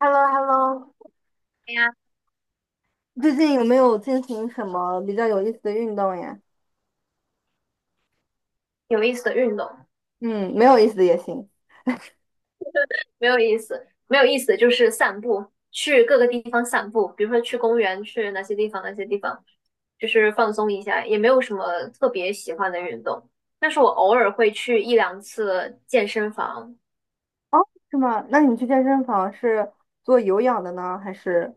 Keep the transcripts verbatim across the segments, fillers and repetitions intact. h e l l o h e l l o 对呀，最近有没有进行什么比较有意思的运动呀？有意思的运动，嗯，没有意思的也行。没有意思，没有意思就是散步，去各个地方散步，比如说去公园，去哪些地方，哪些地方，就是放松一下，也没有什么特别喜欢的运动。但是我偶尔会去一两次健身房。哦，是吗？那你去健身房是做有氧的呢，还是？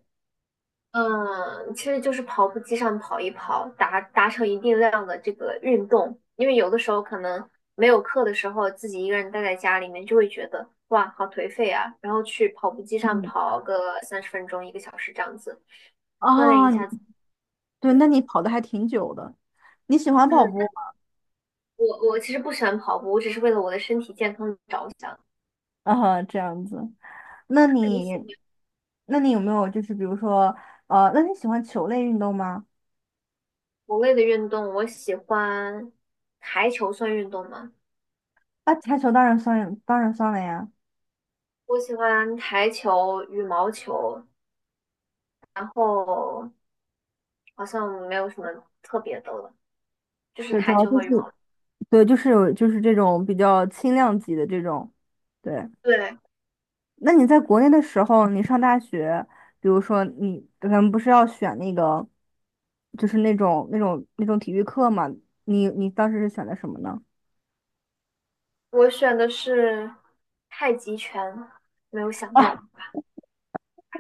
嗯，其实就是跑步机上跑一跑，达达成一定量的这个运动。因为有的时候可能没有课的时候，自己一个人待在家里面，就会觉得哇，好颓废啊。然后去跑步机上嗯，跑个三十分钟、一个小时这样子，锻炼一啊，你下自己。对，那对。你跑的还挺久的。你喜欢嗯，跑步那吗？我我其实不喜欢跑步，我只是为了我的身体健康着想。啊，这样子。那那你喜你，欢那你有没有就是比如说，呃，那你喜欢球类运动吗？某类的运动？我喜欢台球，算运动吗？啊，台球当然算，当然算了呀。我喜欢台球、羽毛球，然后。好像没有什么特别的了，就是对，主台要球就和是羽毛球。对，就是有就是这种比较轻量级的这种，对。对，那你在国内的时候，你上大学，比如说你咱们不是要选那个，就是那种那种那种体育课嘛？你你当时是选的什么呢？我选的是太极拳，没 有想到啊，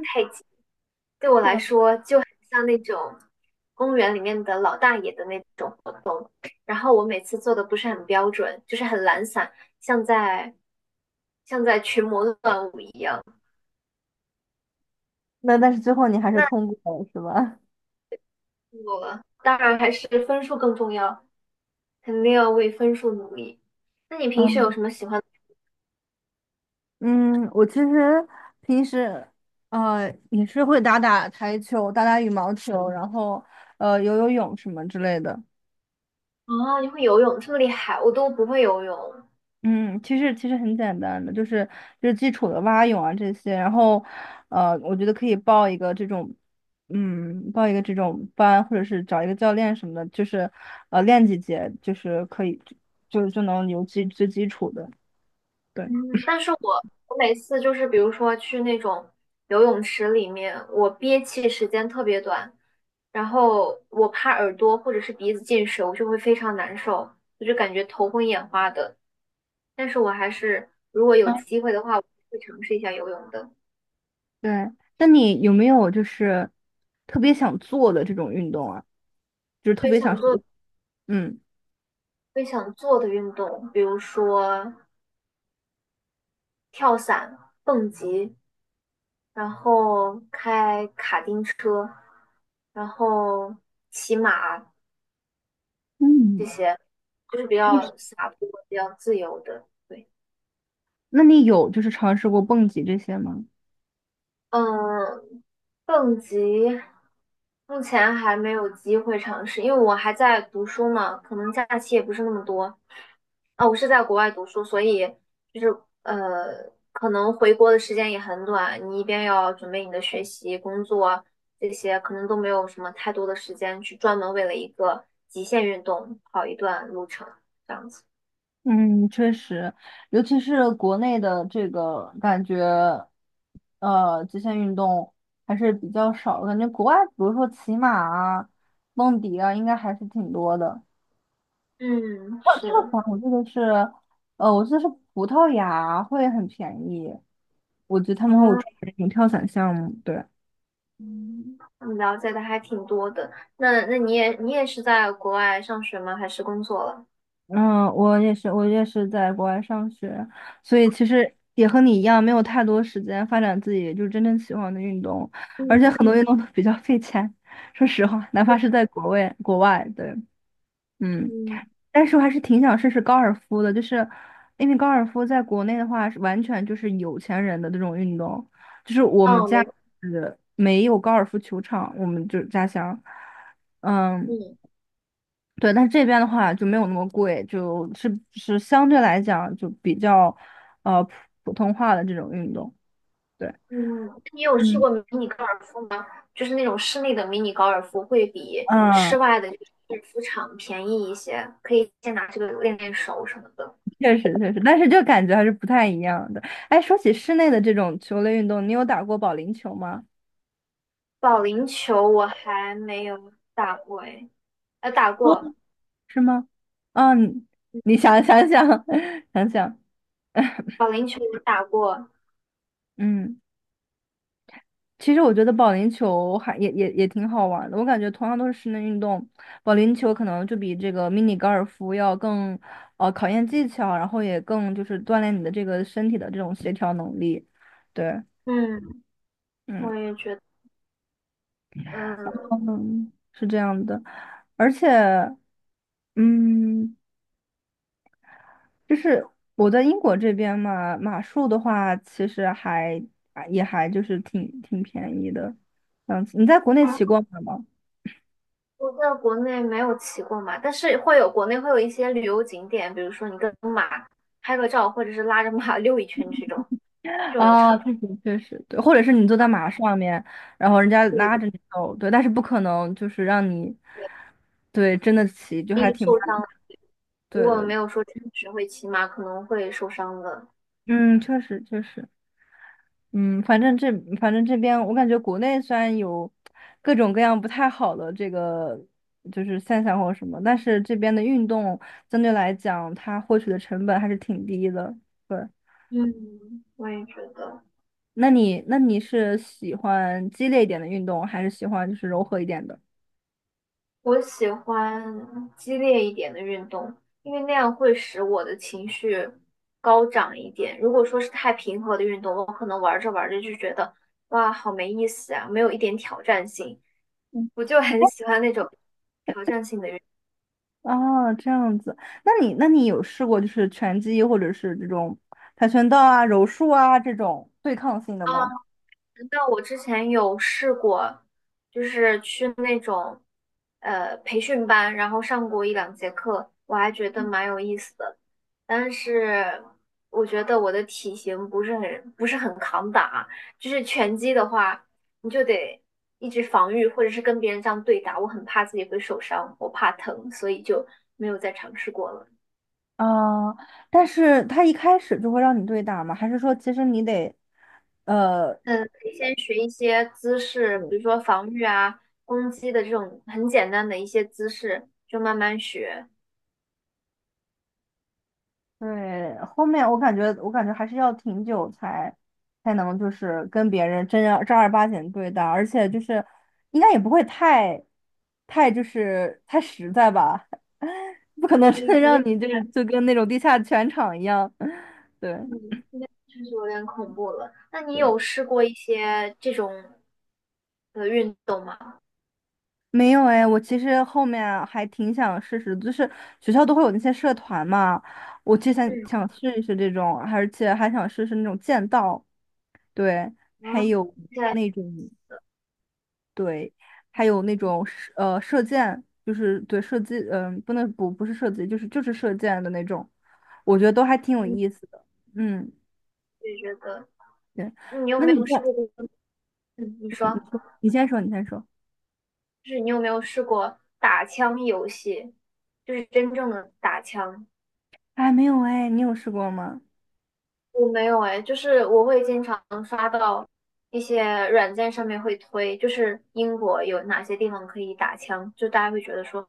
太极对我来嗯，说就很像那种公园里面的老大爷的那种活动，然后我每次做的不是很标准，就是很懒散，像在像在群魔乱舞一样。那但是最后你还是那通过了，是吧？我当然还是分数更重要，肯定要为分数努力。那你平时有嗯，什么喜欢？嗯，我其实平时呃也是会打打台球、打打羽毛球，然后呃游游泳什么之类的。啊，你会游泳，这么厉害，我都不会游泳。嗯，其实其实很简单的，就是就是基础的蛙泳啊这些，然后，呃，我觉得可以报一个这种，嗯，报一个这种班，或者是找一个教练什么的，就是，呃，练几节，就是可以，就就能有基最基础的。对，嗯，但是我我每次就是比如说去那种游泳池里面，我憋气时间特别短，然后我怕耳朵或者是鼻子进水，我就会非常难受，我就感觉头昏眼花的。但是我还是如果有啊，机会的话，我会尝试一下游泳的。对。那你有没有就是特别想做的这种运动啊？就是特最别想想学，做嗯，最想做的运动，比如说跳伞、蹦极，然后开卡丁车，然后骑马。这嗯，些，就是比就是较洒脱、比较自由的。对。那你有就是尝试过蹦极这些吗？嗯，蹦极目前还没有机会尝试，因为我还在读书嘛，可能假期也不是那么多。啊，我是在国外读书，所以就是呃，可能回国的时间也很短。你一边要准备你的学习、工作这些，可能都没有什么太多的时间去专门为了一个极限运动跑一段路程这样子。嗯，确实，尤其是国内的这个感觉，呃，极限运动还是比较少的感觉国外，比如说骑马啊、蹦迪啊，应该还是挺多的。嗯，跳跳是，伞，我记得是，呃，我记得是葡萄牙会很便宜，我觉得他们会有专啊。门的那种跳伞项目。对。嗯，你了解的还挺多的。那那你也你也是在国外上学吗？还是工作了？嗯，我也是，我也是在国外上学，所以其实也和你一样，没有太多时间发展自己就是真正喜欢的运动，而且嗯，很多运嗯动都比较费钱。说实话，哪怕就是是，在国外，国外，对，嗯，嗯，但是我还是挺想试试高尔夫的，就是因为高尔夫在国内的话，是完全就是有钱人的这种运动，就是我们哦，家没。呃没有高尔夫球场，我们就是家乡，嗯。嗯对，但这边的话就没有那么贵，就是是相对来讲就比较，呃，普普通话的这种运动。对，嗯，你有试嗯，过迷你高尔夫吗？就是那种室内的迷你高尔夫会比嗯，室外的高尔夫场便宜一些，可以先拿这个练练手什么的。确实确实，但是就感觉还是不太一样的。哎，说起室内的这种球类运动，你有打过保龄球吗？保龄球我还没有打过诶。呃，打哦，过是吗？嗯，你想想想 想想，保龄球我打过。嗯。其实我觉得保龄球还也也也挺好玩的，我感觉同样都是室内运动，保龄球可能就比这个迷你高尔夫要更，呃，考验技巧，然后也更就是锻炼你的这个身体的这种协调能力，对，嗯，嗯，我也觉得。嗯，嗯，是这样的，而且嗯，就是我在英国这边嘛，马术的话其实还啊也还就是挺挺便宜的，这样子你在国内哦，骑过马吗？我在国内没有骑过马，但是会有国内会有一些旅游景点，比如说你跟马拍个照，或者是拉着马 溜一圈这种，这种有啊，常确实确实，对，或者是你坐在马上面，然后人家对拉对着你走，对，但是不可能就是让你，对，对，真的骑，就容还易挺，受伤。如对果的，没有说真实会骑马，可能会受伤的。嗯，确实确实，嗯，反正这反正这边我感觉国内虽然有各种各样不太好的这个就是现象或什么，但是这边的运动相对来讲，它获取的成本还是挺低的，对。嗯，我也觉得。那你那你是喜欢激烈一点的运动，还是喜欢就是柔和一点的？我喜欢激烈一点的运动，因为那样会使我的情绪高涨一点。如果说是太平和的运动，我可能玩着玩着就觉得哇，好没意思啊，没有一点挑战性。我就很喜欢那种挑战性的运动。哦，这样子，那你那你有试过就是拳击或者是这种跆拳道啊、柔术啊这种对抗性的啊，吗？那我之前有试过，就是去那种呃培训班，然后上过一两节课，我还觉得蛮有意思的。但是我觉得我的体型不是很不是很抗打，就是拳击的话，你就得一直防御，或者是跟别人这样对打。我很怕自己会受伤，我怕疼，所以就没有再尝试过了。啊、但是他一开始就会让你对打吗？还是说其实你得，呃，嗯，可以先学一些姿势，比如说防御啊、攻击的这种很简单的一些姿势，就慢慢学。对，后面我感觉，我感觉还是要挺久才才能就是跟别人真正正儿八经对待，而且就是应该也不会太太就是太实在吧，不可能真你的肯让定。你就是就跟那种地下拳场一样。对嗯，现在确实有点恐怖了。那你对，有试过一些这种的运动吗？没有哎，我其实后面啊还挺想试试，就是学校都会有那些社团嘛，我之前嗯，想试一试这种，而且还想试试那种剑道，对，啊，还有在，那种。对，还有那种射呃射箭，就是对射击，嗯、不能不不是射击，就是就是射箭的那种，我觉得都还挺有嗯，意思的。嗯，也觉得对。你有那没你有试在，过？嗯，你说，嗯，你说你先说，你先说。就是你有没有试过打枪游戏，就是真正的打枪？哎，没有哎，你有试过吗？我没有哎，就是我会经常刷到一些软件上面会推，就是英国有哪些地方可以打枪，就大家会觉得说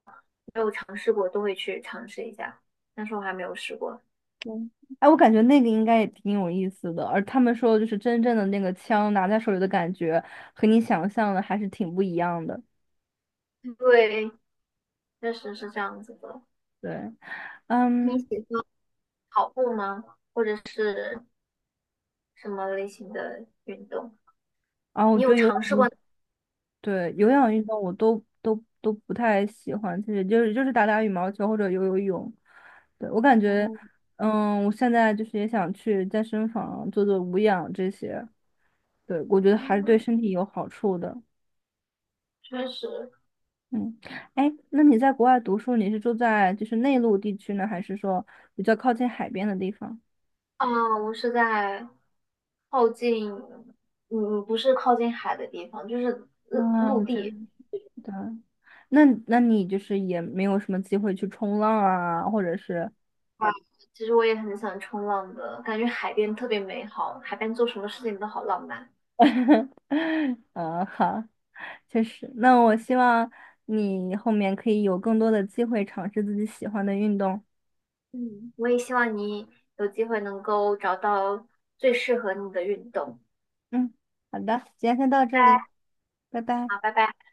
没有尝试过都会去尝试一下，但是我还没有试过。嗯，哎，我感觉那个应该也挺有意思的，而他们说的就是真正的那个枪拿在手里的感觉，和你想象的还是挺不一样的。对，确实是这样子的。对，你嗯，喜欢跑步吗？或者是什么类型的运动？啊，我你觉有得有尝试氧。过？对，有嗯。氧运动我都都都不太喜欢，其实就是就是打打羽毛球或者游游泳。对，我感觉，嗯，嗯，我现在就是也想去健身房做做无氧这些，对，我觉得还是对身体有好处的。确实。嗯，哎，那你在国外读书，你是住在就是内陆地区呢，还是说比较靠近海边的地方？啊，我是在靠近。嗯，不是靠近海的地方，就是陆啊，我陆地。真的，那那你就是也没有什么机会去冲浪啊，或者是，其实我也很想冲浪的，感觉海边特别美好，海边做什么事情都好浪漫。啊，好。确实，那我希望你后面可以有更多的机会尝试自己喜欢的运动。嗯，我也希望你有机会能够找到最适合你的运动。嗯，好的，今天先到拜这拜。里，拜拜。好，拜拜。